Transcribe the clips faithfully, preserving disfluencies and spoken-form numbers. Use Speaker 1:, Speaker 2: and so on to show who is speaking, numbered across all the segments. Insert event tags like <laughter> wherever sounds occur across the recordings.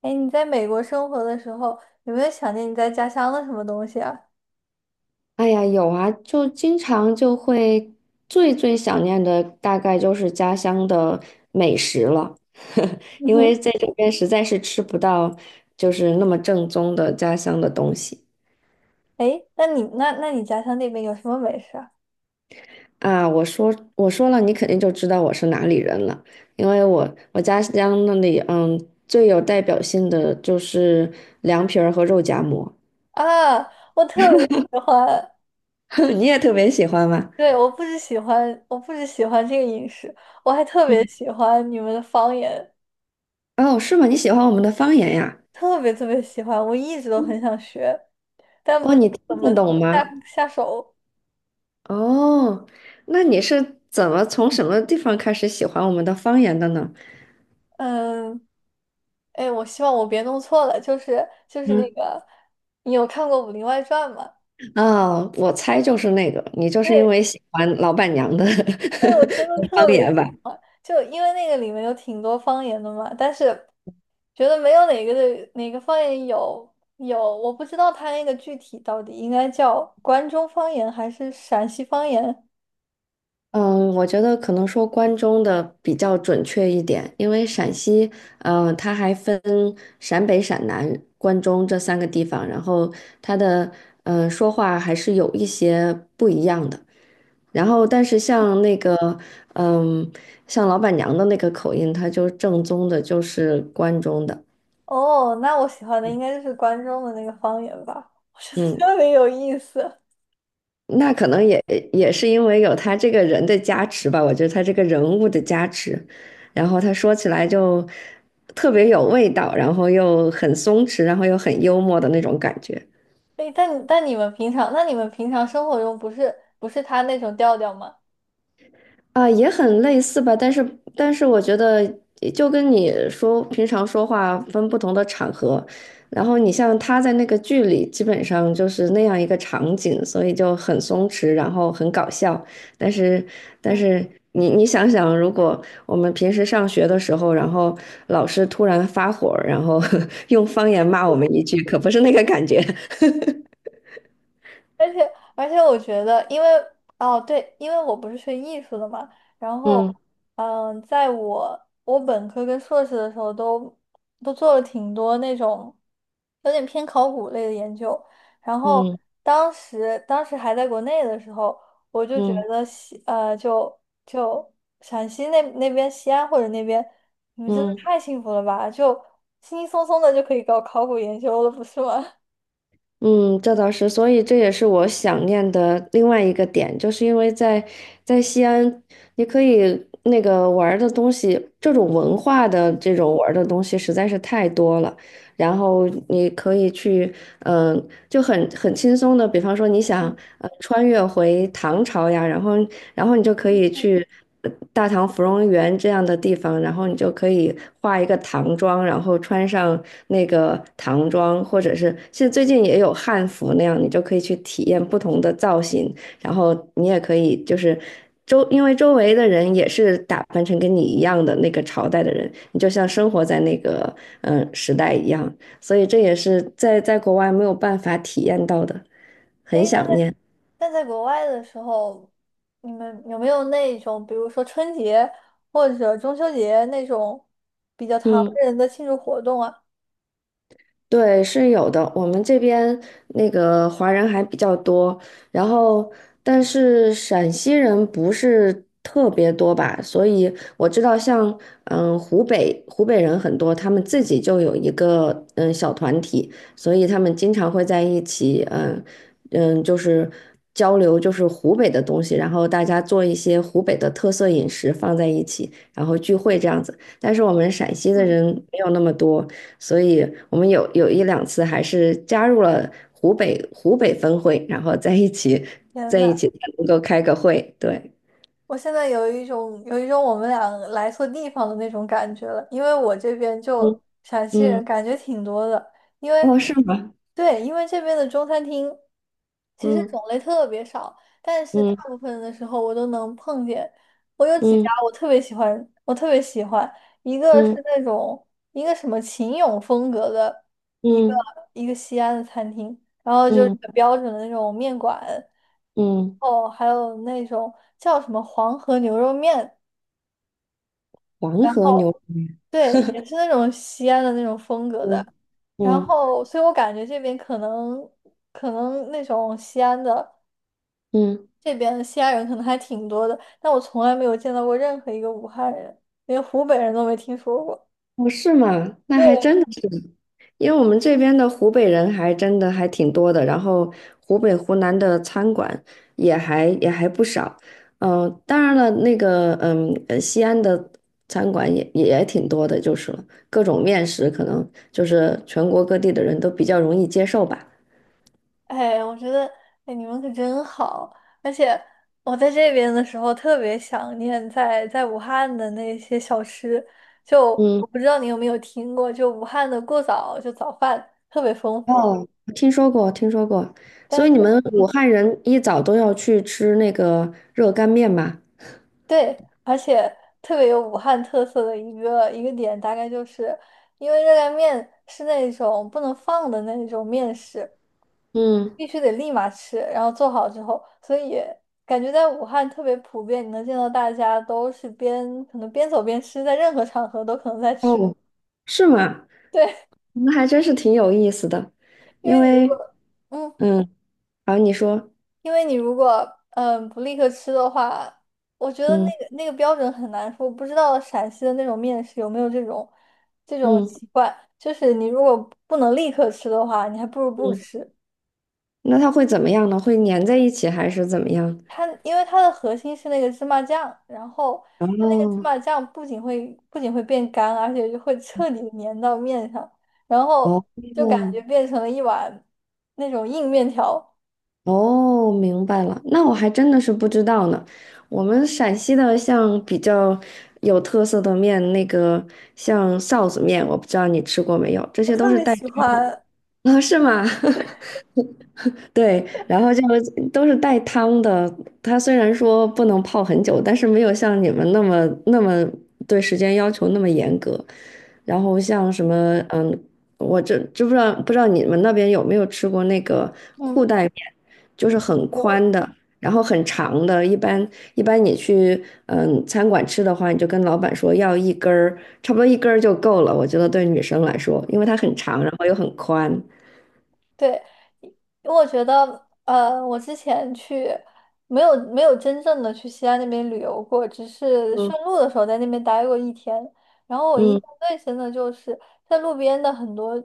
Speaker 1: 哎，你在美国生活的时候，有没有想念你在家乡的什么东西啊？
Speaker 2: 哎呀，有啊，就经常就会最最想念的大概就是家乡的美食了。<laughs>
Speaker 1: 嗯
Speaker 2: 因为
Speaker 1: 哼。
Speaker 2: 在这边实在是吃不到就是那么正宗的家乡的东西
Speaker 1: 哎，那你那那你家乡那边有什么美食啊？
Speaker 2: 啊。我说我说了，你肯定就知道我是哪里人了，因为我我家乡那里嗯最有代表性的就是凉皮儿和肉夹馍。
Speaker 1: 啊，我特别喜欢。
Speaker 2: <laughs> 你也特别喜欢吗？
Speaker 1: 对，我不只喜欢，我不只喜欢这个饮食，我还特别
Speaker 2: 嗯。
Speaker 1: 喜欢你们的方言。
Speaker 2: 哦，是吗？你喜欢我们的方言呀？
Speaker 1: 特别特别喜欢，我一直都很想学，但不
Speaker 2: 哦，
Speaker 1: 知道
Speaker 2: 你
Speaker 1: 怎
Speaker 2: 听
Speaker 1: 么
Speaker 2: 得懂吗？
Speaker 1: 下下手。
Speaker 2: 哦，那你是怎么从什么地方开始喜欢我们的方言的呢？
Speaker 1: 嗯。哎，我希望我别弄错了，就是就是那
Speaker 2: 嗯，
Speaker 1: 个，你有看过《武林外传》吗？
Speaker 2: 哦，我猜就是那个，你就是因
Speaker 1: 对，
Speaker 2: 为喜欢老板娘的
Speaker 1: 但是我真的
Speaker 2: <laughs> 方
Speaker 1: 特别
Speaker 2: 言
Speaker 1: 喜
Speaker 2: 吧？
Speaker 1: 欢，就因为那个里面有挺多方言的嘛，但是觉得没有哪个的哪个方言有有，我不知道它那个具体到底应该叫关中方言还是陕西方言。
Speaker 2: 嗯，我觉得可能说关中的比较准确一点。因为陕西，嗯、它还分陕北、陕南、关中这三个地方，然后它的嗯、呃说话还是有一些不一样的。然后，但是像那个，嗯，像老板娘的那个口音，她就正宗的，就是关中的。
Speaker 1: 哦，那我喜欢的应该就是关中的那个方言吧，我觉得
Speaker 2: 嗯。
Speaker 1: 特别有意思。
Speaker 2: 那可能也也是因为有他这个人的加持吧，我觉得他这个人物的加持，然后他说起来就特别有味道，然后又很松弛，然后又很幽默的那种感觉。
Speaker 1: 哎，但但你们平常，那你们平常生活中不是不是他那种调调吗？
Speaker 2: 啊，也很类似吧，但是但是我觉得就跟你说平常说话分不同的场合，然后你像他在那个剧里基本上就是那样一个场景，所以就很松弛，然后很搞笑。但是但
Speaker 1: 嗯。
Speaker 2: 是你你想想，如果我们平时上学的时候，然后老师突然发火儿然后 <laughs> 用方言骂我们一句，可不是那个感觉。<laughs>
Speaker 1: 而且而且，我觉得，因为哦对，因为我不是学艺术的嘛。然后
Speaker 2: 嗯
Speaker 1: 嗯，在我我本科跟硕士的时候都都做了挺多那种有点偏考古类的研究。然后
Speaker 2: 嗯
Speaker 1: 当时当时还在国内的时候，我就觉
Speaker 2: 嗯
Speaker 1: 得西呃就就陕西那那边西安或者那边，你们真的
Speaker 2: 嗯。
Speaker 1: 太幸福了吧，就轻轻松松的就可以搞考古研究了，不是吗？
Speaker 2: 嗯，这倒是，所以这也是我想念的另外一个点，就是因为在在西安，你可以那个玩儿的东西，这种文化的这种玩儿的东西实在是太多了。然后你可以去，嗯、就很很轻松的，比方说你想
Speaker 1: <laughs>
Speaker 2: 呃穿越回唐朝呀，然后然后你就可以去呃大唐芙蓉园这样的地方，然后你就可以化一个唐装，然后穿上那个唐装，或者是现在最近也有汉服那样，你就可以去体验不同的造型，然后你也可以就是周，因为周围的人也是打扮成跟你一样的那个朝代的人，你就像生活在那个嗯、呃时代一样，所以这也是在在国外没有办法体验到的，很
Speaker 1: 诶，那
Speaker 2: 想
Speaker 1: 在
Speaker 2: 念。
Speaker 1: 那在国外的时候，你们有没有那种，比如说春节或者中秋节那种比较唐
Speaker 2: 嗯。
Speaker 1: 人的庆祝活动啊？
Speaker 2: 对，是有的。我们这边那个华人还比较多，然后但是陕西人不是特别多吧，所以我知道像嗯湖北湖北人很多，他们自己就有一个嗯小团体，所以他们经常会在一起。嗯嗯就是交流就是湖北的东西，然后大家做一些湖北的特色饮食放在一起，然后聚会这样子。但是我们陕西的
Speaker 1: 嗯。
Speaker 2: 人没有那么多。所以我们有有一两次还是加入了湖北湖北分会，然后在一起
Speaker 1: 天
Speaker 2: 在一
Speaker 1: 呐！
Speaker 2: 起才能够开个会。对。
Speaker 1: 我现在有一种有一种我们俩来错地方的那种感觉了，因为我这边就
Speaker 2: 嗯。
Speaker 1: 陕西
Speaker 2: 嗯，
Speaker 1: 人感觉挺多的。因为
Speaker 2: 哦，是吗？
Speaker 1: 对，因为这边的中餐厅其实
Speaker 2: 嗯
Speaker 1: 种类特别少，但是大
Speaker 2: 嗯
Speaker 1: 部分的时候我都能碰见。我有几家
Speaker 2: 嗯
Speaker 1: 我特别喜欢，我特别喜欢，一个
Speaker 2: 嗯
Speaker 1: 是那种一个什么秦俑风格的一个
Speaker 2: 嗯
Speaker 1: 一个西安的餐厅，然后就是
Speaker 2: 嗯
Speaker 1: 很标准的那种面馆。
Speaker 2: 嗯，
Speaker 1: 哦，还有那种叫什么黄河牛肉面，
Speaker 2: 黄
Speaker 1: 然
Speaker 2: 河
Speaker 1: 后
Speaker 2: 牛，
Speaker 1: 对，也是那种西安的那种风格的。
Speaker 2: 嗯
Speaker 1: 然
Speaker 2: 嗯
Speaker 1: 后，所以我感觉这边可能可能那种西安的
Speaker 2: 嗯。
Speaker 1: 这边西安人可能还挺多的，但我从来没有见到过任何一个武汉人，连湖北人都没听说过。
Speaker 2: 哦，是吗？那还真
Speaker 1: 对。
Speaker 2: 的是，因为我们这边的湖北人还真的还挺多的，然后湖北、湖南的餐馆也还也还不少。嗯、当然了，那个嗯，呃西安的餐馆也也挺多的，就是了，各种面食可能就是全国各地的人都比较容易接受吧。
Speaker 1: 哎，我觉得，哎，你们可真好，而且我在这边的时候特别想念在在武汉的那些小吃，就
Speaker 2: 嗯。
Speaker 1: 我不知道你有没有听过，就武汉的过早就早饭特别丰富。
Speaker 2: 哦，听说过，听说过。所
Speaker 1: 但
Speaker 2: 以
Speaker 1: 是，
Speaker 2: 你们武
Speaker 1: 嗯，
Speaker 2: 汉人一早都要去吃那个热干面吗？
Speaker 1: 对，而且特别有武汉特色的一个一个点，大概就是因为热干面是那种不能放的那种面食，
Speaker 2: 嗯。
Speaker 1: 必须得立马吃，然后做好之后，所以感觉在武汉特别普遍，你能见到大家都是边可能边走边吃，在任何场合都可能在吃。<laughs>
Speaker 2: 哦，是吗？
Speaker 1: 对，
Speaker 2: 那还真是挺有意思的。
Speaker 1: 因
Speaker 2: 因
Speaker 1: 为你如果
Speaker 2: 为，
Speaker 1: 嗯，
Speaker 2: 嗯，好，你说。
Speaker 1: 因为你如果嗯不立刻吃的话，我觉得那
Speaker 2: 嗯
Speaker 1: 个那个标准很难说，我不知道陕西的那种面食有没有这种这种
Speaker 2: 嗯
Speaker 1: 习惯，就是你如果不能立刻吃的话，你还不如不
Speaker 2: 嗯，
Speaker 1: 吃。
Speaker 2: 那它会怎么样呢？会粘在一起还是怎么样？
Speaker 1: 它因为它的核心是那个芝麻酱，然后它那个芝
Speaker 2: 哦
Speaker 1: 麻酱不仅会不仅会变干，而且就会彻底地粘到面上，然后
Speaker 2: 哦
Speaker 1: 就感觉变成了一碗那种硬面条。
Speaker 2: 哦，明白了。那我还真的是不知道呢。我们陕西的像比较有特色的面，那个像臊子面，我不知道你吃过没有，这
Speaker 1: 我
Speaker 2: 些都
Speaker 1: 特
Speaker 2: 是
Speaker 1: 别
Speaker 2: 带
Speaker 1: 喜欢。
Speaker 2: <laughs> 啊，是吗？<laughs> 对，然后就都是带汤的。它虽然说不能泡很久，但是没有像你们那么那么对时间要求那么严格。然后像什么，嗯，我这知不知道不知道你们那边有没有吃过那个裤
Speaker 1: 嗯，
Speaker 2: 带面，就是很
Speaker 1: 有。
Speaker 2: 宽的，然后很长的。一般一般你去嗯餐馆吃的话，你就跟老板说要一根儿，差不多一根儿就够了。我觉得对女生来说，因为它很
Speaker 1: 嗯，
Speaker 2: 长，然后又很宽。
Speaker 1: 对。因为我觉得，呃，我之前去没有没有真正的去西安那边旅游过，只是
Speaker 2: 嗯
Speaker 1: 顺路的时候在那边待过一天。然后我印
Speaker 2: 嗯，
Speaker 1: 象最深的就是在路边的很多，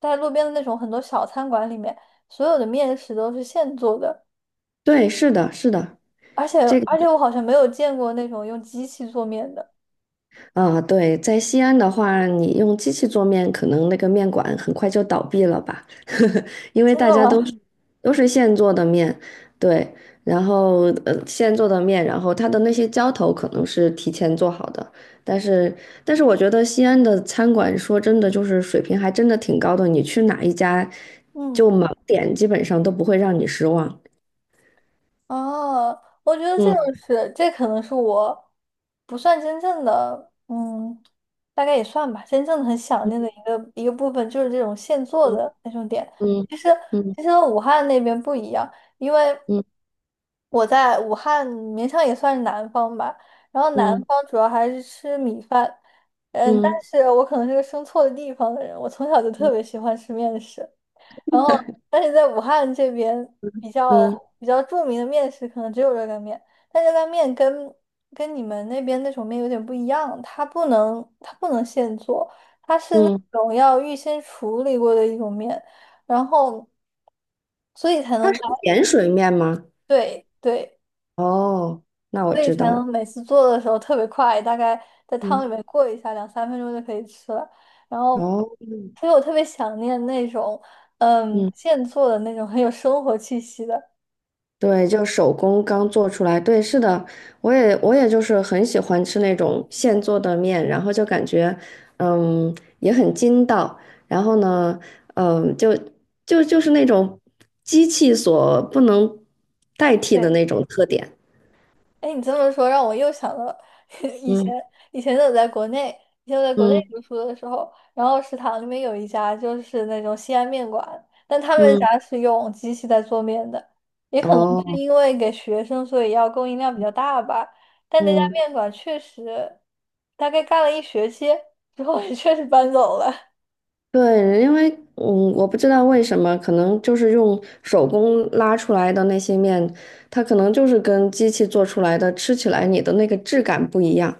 Speaker 1: 在路边的那种很多小餐馆里面，所有的面食都是现做的，
Speaker 2: 对，是的，是的。
Speaker 1: 而且
Speaker 2: 这个
Speaker 1: 而且我好像没有见过那种用机器做面的，
Speaker 2: 啊，对，在西安的话，你用机器做面，可能那个面馆很快就倒闭了吧。<laughs> 因为
Speaker 1: 真
Speaker 2: 大
Speaker 1: 的
Speaker 2: 家都
Speaker 1: 吗？
Speaker 2: 是都是现做的面。对，然后呃现做的面，然后它的那些浇头可能是提前做好的，但是但是我觉得西安的餐馆说真的就是水平还真的挺高的，你去哪一家
Speaker 1: <laughs> 嗯。
Speaker 2: 就盲点基本上都不会让你失望。
Speaker 1: 哦，我觉得这种
Speaker 2: 嗯
Speaker 1: 是，这可能是我不算真正的，嗯，大概也算吧，真正的很想念的一个一个部分就是这种现做
Speaker 2: 嗯
Speaker 1: 的那种点。
Speaker 2: 嗯
Speaker 1: 其实
Speaker 2: 嗯
Speaker 1: 其实武汉那边不一样，因为
Speaker 2: 嗯
Speaker 1: 我在武汉勉强也算是南方吧，然后南
Speaker 2: 嗯
Speaker 1: 方主要还是吃米饭。嗯，但
Speaker 2: 嗯
Speaker 1: 是我可能是个生错的地方的人，我从小就特别
Speaker 2: 嗯
Speaker 1: 喜欢吃面食。然后，但是在武汉这边比较
Speaker 2: 嗯
Speaker 1: 比较著名的面食可能只有热干面，但热干面跟跟你们那边那种面有点不一样，它不能它不能现做，它是那
Speaker 2: 嗯。
Speaker 1: 种要预先处理过的一种面，然后所以才
Speaker 2: 它
Speaker 1: 能在
Speaker 2: 是碱水面吗？
Speaker 1: 对对，
Speaker 2: 哦，那我
Speaker 1: 所以
Speaker 2: 知
Speaker 1: 才
Speaker 2: 道了。
Speaker 1: 能每次做的时候特别快，大概在汤
Speaker 2: 嗯，
Speaker 1: 里面过一下，两三分钟就可以吃了。然后，
Speaker 2: 哦，
Speaker 1: 所以我特别想念那种，嗯，
Speaker 2: 嗯，
Speaker 1: 现做的那种很有生活气息的。
Speaker 2: 对，就手工刚做出来。对，是的，我也我也就是很喜欢吃那种现做的面，然后就感觉，嗯，也很筋道。然后呢，嗯，就就就是那种机器所不能代替的
Speaker 1: 对。
Speaker 2: 那种特点。
Speaker 1: 哎，你这么说让我又想到 <laughs> 以前，
Speaker 2: 嗯
Speaker 1: 以前我在国内，以前我在国内
Speaker 2: 嗯
Speaker 1: 读书的时候，然后食堂里面有一家就是那种西安面馆，但他们
Speaker 2: 嗯，
Speaker 1: 家是用机器在做面的，也可能是
Speaker 2: 哦，
Speaker 1: 因为给学生，所以要供应量比较大吧。但那家
Speaker 2: 嗯。
Speaker 1: 面馆确实，大概干了一学期之后，也 <laughs> 确实搬走了。
Speaker 2: 对，因为嗯，我不知道为什么，可能就是用手工拉出来的那些面，它可能就是跟机器做出来的，吃起来你的那个质感不一样，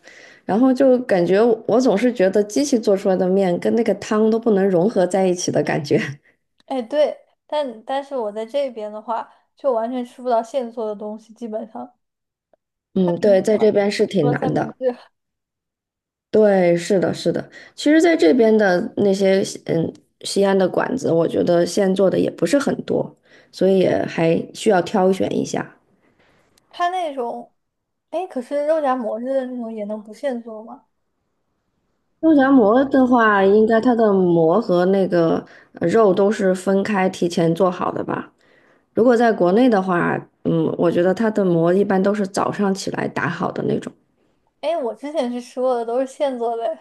Speaker 2: 然后就感觉我总是觉得机器做出来的面跟那个汤都不能融合在一起的感觉。
Speaker 1: 哎，对，但但是我在这边的话，就完全吃不到现做的东西，基本上
Speaker 2: <laughs>
Speaker 1: 三
Speaker 2: 嗯，
Speaker 1: 明
Speaker 2: 对，
Speaker 1: 治
Speaker 2: 在
Speaker 1: 吧，
Speaker 2: 这边是
Speaker 1: 除
Speaker 2: 挺
Speaker 1: 了三
Speaker 2: 难
Speaker 1: 明
Speaker 2: 的。
Speaker 1: 治。
Speaker 2: 对，是的，是的。其实，在这边的那些西嗯西安的馆子，我觉得现做的也不是很多，所以也还需要挑选一下。
Speaker 1: 它那种，哎，可是肉夹馍似的那种也能不现做吗？
Speaker 2: 肉夹馍的话，应该它的馍和那个呃肉都是分开提前做好的吧？如果在国内的话，嗯，我觉得它的馍一般都是早上起来打好的那种。
Speaker 1: 哎，我之前是说的都是现做的。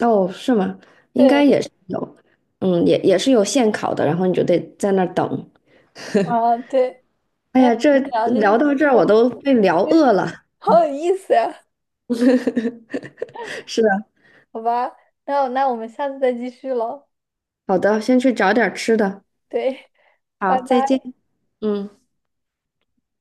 Speaker 2: 哦，是吗？应该
Speaker 1: 对。
Speaker 2: 也是有，嗯，也也是有现烤的，然后你就得在那儿等。
Speaker 1: 啊，对，
Speaker 2: 哎
Speaker 1: 哎，
Speaker 2: 呀，
Speaker 1: 反
Speaker 2: 这
Speaker 1: 们聊这些
Speaker 2: 聊
Speaker 1: 吃
Speaker 2: 到这儿我
Speaker 1: 的，
Speaker 2: 都被聊饿了。
Speaker 1: 好有意思呀。
Speaker 2: <laughs> 是的。
Speaker 1: 好吧，那那我们下次再继续喽。
Speaker 2: 好的，先去找点儿吃的。
Speaker 1: 对，
Speaker 2: 好，
Speaker 1: 拜
Speaker 2: 再见。
Speaker 1: 拜。
Speaker 2: 嗯。